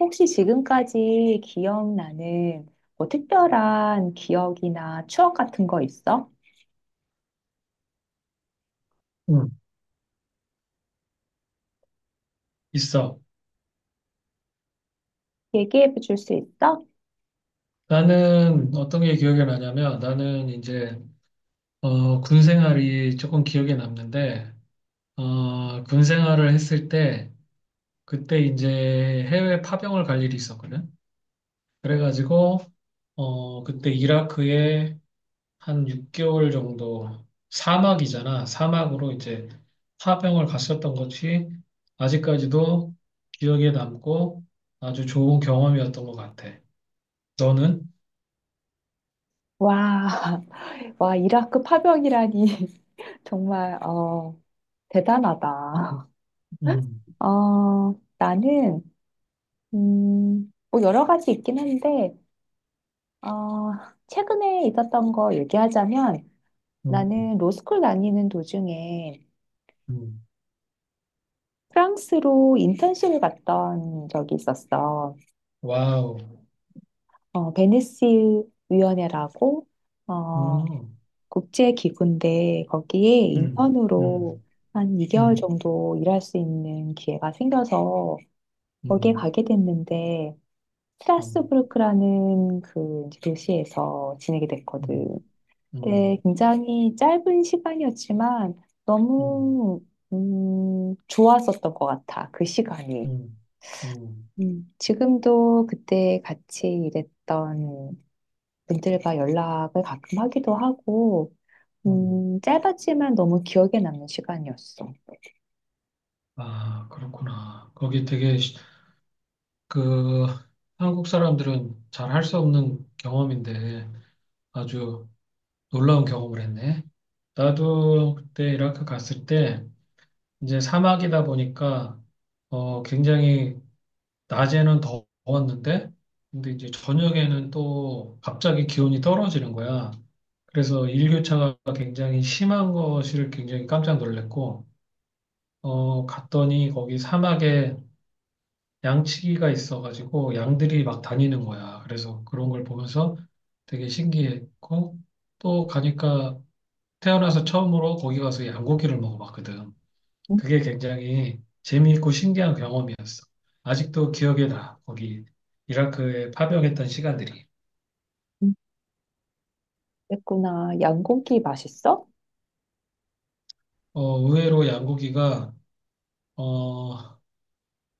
혹시 지금까지 기억나는 뭐 특별한 기억이나 추억 같은 거 있어? 응, 있어. 얘기해 줄 수 있어? 나는 어떤 게 기억에 나냐면 군 생활이 조금 기억에 남는데 군 생활을 했을 때 그때 이제 해외 파병을 갈 일이 있었거든. 그래가지고 그때 이라크에 한 6개월 정도, 사막이잖아. 사막으로 이제 파병을 갔었던 것이 아직까지도 기억에 남고 아주 좋은 경험이었던 것 같아. 너는? 와, 와, 이라크 파병이라니. 정말, 대단하다. 응, 나는, 뭐 여러 가지 있긴 한데, 어, 최근에 있었던 거 얘기하자면, 응, 나는 로스쿨 다니는 도중에 응. 프랑스로 인턴십을 갔던 적이 있었어. 와우. 베니스 위원회라고 어, 음, 국제 기구인데 거기에 음, 인턴으로 음, 한 2개월 음, 정도 일할 수 있는 기회가 생겨서 거기에 음, 가게 됐는데 음, 스트라스부르크라는 그 이제 도시에서 지내게 됐거든. 음, 근데 음, 굉장히 짧은 시간이었지만 음, 너무 좋았었던 것 같아. 그 시간이. 음, 음, 지금도 그때 같이 일했던 그들과 연락을 가끔 하기도 하고, 음. 짧았지만 너무 기억에 남는 시간이었어. 아, 그렇구나. 거기 되게 그 한국 사람들은 잘 할 수 없는 경험인데 아주 놀라운 경험을 했네. 나도 그때 이라크 갔을 때 이제 사막이다 보니까 굉장히 낮에는 더웠는데, 근데 이제 저녁에는 또 갑자기 기온이 떨어지는 거야. 그래서 일교차가 굉장히 심한 것을 굉장히 깜짝 놀랐고, 갔더니 거기 사막에 양치기가 있어가지고 양들이 막 다니는 거야. 그래서 그런 걸 보면서 되게 신기했고, 또 가니까 태어나서 처음으로 거기 가서 양고기를 먹어봤거든. 음, 그게 굉장히 재미있고 신기한 경험이었어. 아직도 기억에 나, 거기 이라크에 파병했던 시간들이. 음, 그랬구나. 양고기 맛있어? 의외로 양고기가 어,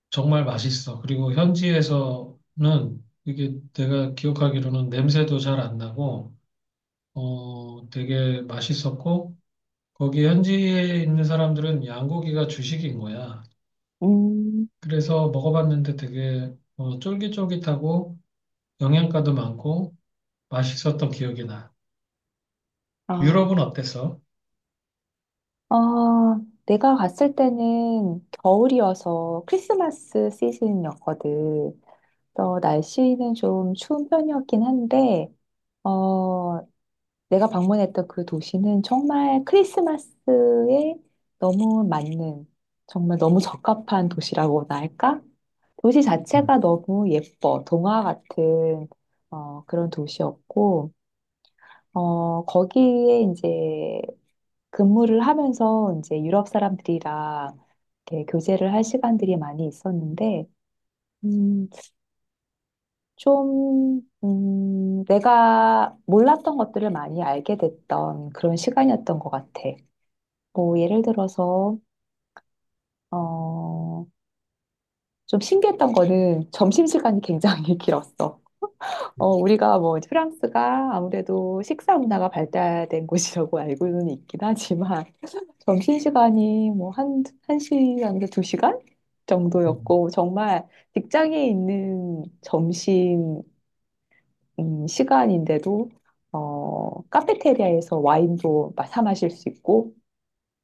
정말 맛있어. 그리고 현지에서는 이게 내가 기억하기로는 냄새도 잘 안 나고 되게 맛있었고 거기 현지에 있는 사람들은 양고기가 주식인 거야. 음, 그래서 먹어봤는데 되게 쫄깃쫄깃하고 영양가도 많고 맛있었던 기억이 나. 아, 유럽은 어땠어? 아, 내가 갔을 때는 겨울이어서 크리스마스 시즌이었거든. 그래서 날씨는 좀 추운 편이었긴 한데, 어, 내가 방문했던 그 도시는 정말 크리스마스에 너무 맞는, 정말 너무 적합한 도시라고나 할까? 도시 음, 자체가 너무 예뻐. 동화 같은 그런 도시였고, 거기에 이제 근무를 하면서 이제 유럽 사람들이랑 이렇게 교제를 할 시간들이 많이 있었는데, 음, 좀, 내가 몰랐던 것들을 많이 알게 됐던 그런 시간이었던 것 같아. 뭐, 예를 들어서, 어, 좀 신기했던 거는 점심시간이 굉장히 길었어. 우리가 뭐 이제 프랑스가 아무래도 식사 문화가 발달된 곳이라고 알고는 있긴 하지만 점심시간이 뭐 한 시간에서 2시간 음, 정도였고 정말 직장에 있는 점심 시간인데도 카페테리아에서 와인도 사 마실 수 있고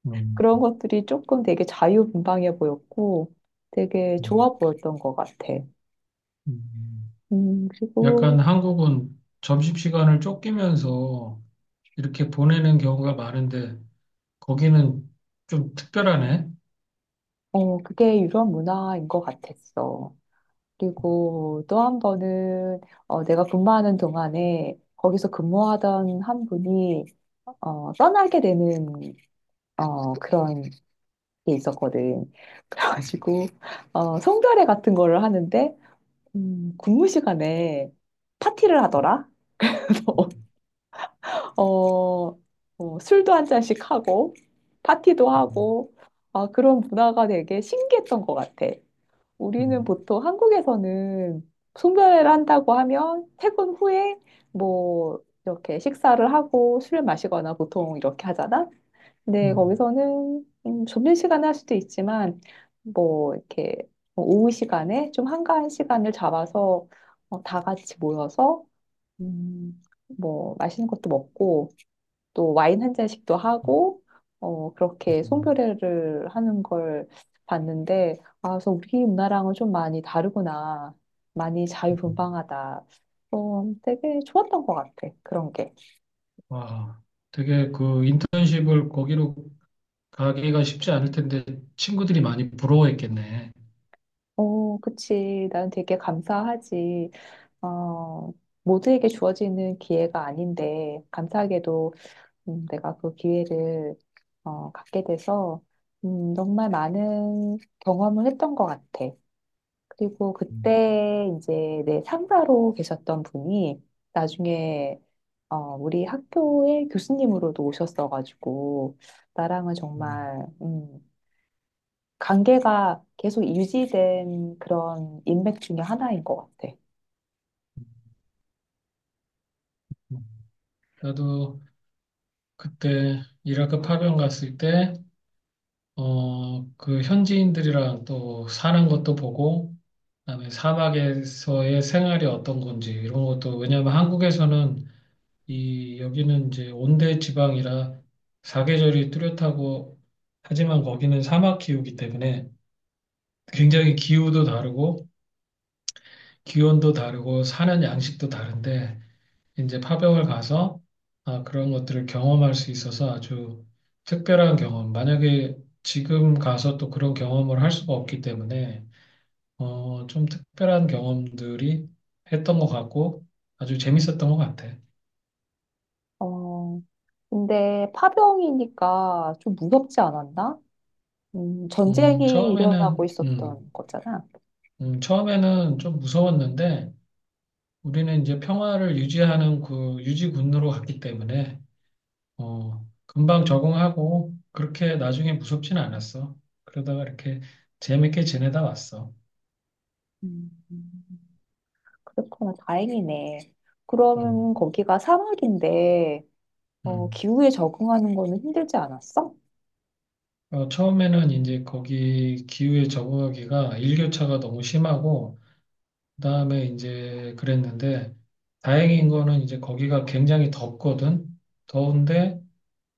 음, 그런 것들이 조금 되게 자유분방해 보였고 되게 음, 좋아 보였던 것 같아. 음. 그리고 약간 한국은 점심시간을 쫓기면서 이렇게 보내는 경우가 많은데 거기는 좀 특별하네. 그게 유럽 문화인 것 같았어. 그리고 또 한 번은 내가 근무하는 동안에 거기서 근무하던 한 분이 떠나게 되는 그런 게 있었거든. 그래가지고 송별회 같은 거를 하는데 근무 시간에 파티를 하더라. 어, 술도 한 잔씩 하고 파티도 음, 하고 아, 그런 문화가 되게 신기했던 것 같아. 우리는 음, 보통 한국에서는 송별회를 한다고 하면 퇴근 후에 뭐 이렇게 식사를 하고 술을 마시거나 보통 이렇게 하잖아. 근데 음, 거기서는 점심시간에 할 수도 있지만 뭐 이렇게 뭐 오후 시간에 좀 한가한 시간을 잡아서 다 같이 모여서 음, 뭐 맛있는 것도 먹고 또 와인 한 잔씩도 음, 하고 그렇게 음, 송별회를 하는 걸 봤는데 아, 그래서 우리 문화랑은 좀 많이 다르구나. 많이 음. 자유분방하다. 되게 좋았던 것 같아. 그런 와, 되게 그 인턴십을 거기로 가기가 쉽지 않을 텐데 친구들이 많이 부러워했겠네. 게어 그치. 난 되게 감사하지. 어 모두에게 주어지는 기회가 아닌데 감사하게도 내가 그 기회를 갖게 돼서 정말 많은 경험을 했던 것 같아. 그리고 음, 그때 이제 내 상사로 계셨던 분이 나중에 우리 학교의 교수님으로도 오셨어가지고 나랑은 음, 정말 관계가 계속 유지된 그런 인맥 중에 하나인 것 같아. 음. 나도 그때 이라크 파병 갔을 때 그 현지인들이랑 또 사는 것도 보고, 그다음에 사막에서의 생활이 어떤 건지 이런 것도 왜냐하면 한국에서는 이 여기는 이제 온대 지방이라 사계절이 뚜렷하고 하지만 거기는 사막 기후이기 때문에 굉장히 기후도 다르고 기온도 다르고 사는 양식도 다른데 이제 파병을 가서 아, 그런 것들을 경험할 수 있어서 아주 특별한 경험. 만약에 지금 가서 또 그런 경험을 할 수가 없기 때문에 좀 특별한 경험들이 했던 것 같고 아주 재밌었던 것 같아. 어, 근데 파병이니까 좀 무섭지 않았나? 음, 전쟁이 일어나고 처음에는 음, 있었던 거잖아. 처음에는 좀 무서웠는데 우리는 이제 평화를 유지하는 그 유지군으로 갔기 때문에 금방 적응하고 그렇게 나중에 무섭진 않았어. 그러다가 이렇게 재밌게 지내다 왔어. 음, 그렇구나. 다행이네. 음, 그러면 거기가 사막인데 음. 기후에 적응하는 거는 힘들지 않았어? 처음에는 이제 거기 기후에 적응하기가 일교차가 너무 심하고 그다음에 이제 그랬는데 다행인 거는 이제 거기가 굉장히 덥거든. 더운데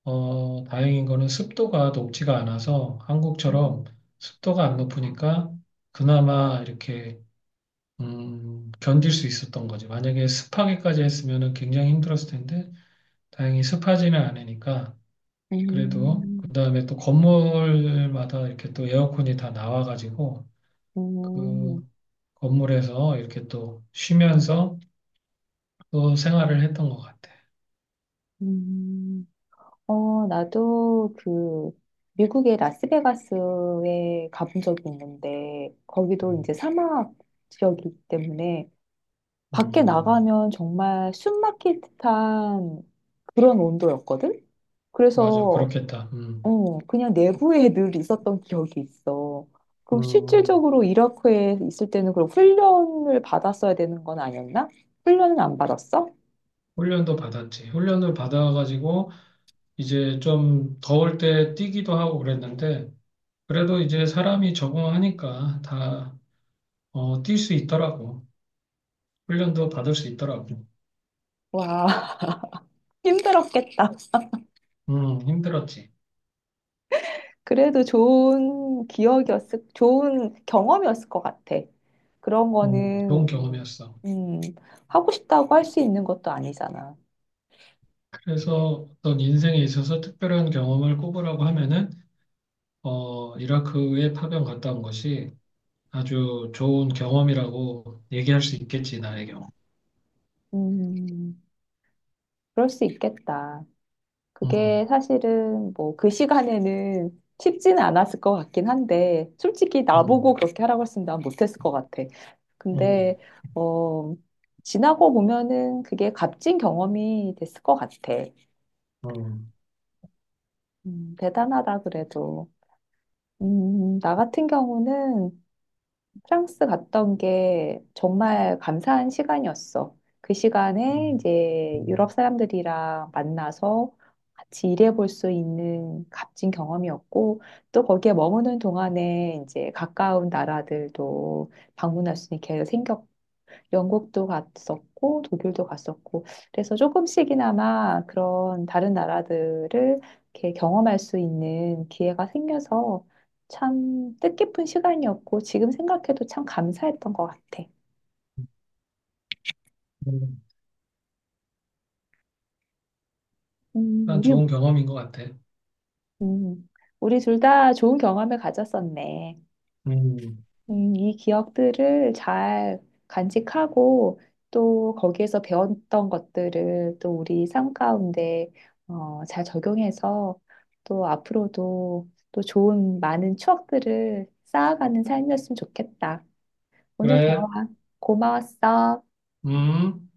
다행인 거는 습도가 높지가 않아서 한국처럼 습도가 안 높으니까 그나마 이렇게 견딜 수 있었던 거지. 만약에 습하게까지 했으면 굉장히 힘들었을 텐데, 다행히 습하지는 않으니까, 그래도, 그 음, 다음에 또 건물마다 이렇게 또 에어컨이 다 나와가지고, 음, 그 건물에서 이렇게 또 쉬면서 또 생활을 했던 것 같아. 음, 나도 그 미국의 라스베가스에 가본 적이 있는데 거기도 음, 이제 사막 지역이기 때문에 밖에 음, 나가면 정말 숨 막힐 듯한 그런 온도였거든? 맞아. 그래서 그렇겠다. 그냥 내부에 늘 있었던 기억이 있어. 그럼 음, 실질적으로 이라크에 있을 때는 그럼 훈련을 받았어야 되는 건 아니었나? 훈련은 안 받았어? 훈련도 받았지. 훈련을 받아가지고, 이제 좀 더울 때 뛰기도 하고 그랬는데, 그래도 이제 사람이 적응하니까 다 뛸 수 있더라고. 훈련도 받을 수 있더라고. 와, 힘들었겠다. 힘들었지. 그래도 좋은 기억이었을, 좋은 경험이었을 것 같아. 그런 좋은 거는, 경험이었어. 음, 하고 싶다고 할 수 있는 것도 아니잖아. 그래서 어떤 인생에 있어서 특별한 경험을 꼽으라고 하면은, 이라크에 파병 갔다 온 것이 아주 좋은 경험이라고 얘기할 수 있겠지, 나의 경우. 음, 그럴 수 있겠다. 음, 그게 사실은 뭐 그 시간에는 쉽지는 않았을 것 같긴 한데, 솔직히 나보고 음, 그렇게 하라고 했으면 난 못했을 것 같아. 음, 근데, 어, 지나고 보면은 그게 값진 경험이 됐을 것 같아. 음, 대단하다 그래도. 나 같은 경우는 프랑스 갔던 게 정말 감사한 시간이었어. 그 시간에 음, 이제 유럽 사람들이랑 만나서 같이 일해볼 수 있는 값진 경험이었고, 또 거기에 머무는 동안에 이제 가까운 나라들도 방문할 수 있는 기회 생겼고, 영국도 갔었고 독일도 갔었고 그래서 조금씩이나마 그런 다른 나라들을 이렇게 경험할 수 있는 기회가 생겨서 참 뜻깊은 시간이었고 지금 생각해도 참 감사했던 것 같아. 음. 음, 일단 우리 좋은 경험인 것 같아. 음, 우리 둘 다 좋은 경험을 가졌었네. 음, 이 기억들을 잘 간직하고 또 거기에서 배웠던 것들을 또 우리 삶 가운데 잘 적용해서 또 앞으로도 또 좋은 많은 추억들을 쌓아가는 삶이었으면 좋겠다. 오늘 그래, 대화 고마웠어. 음.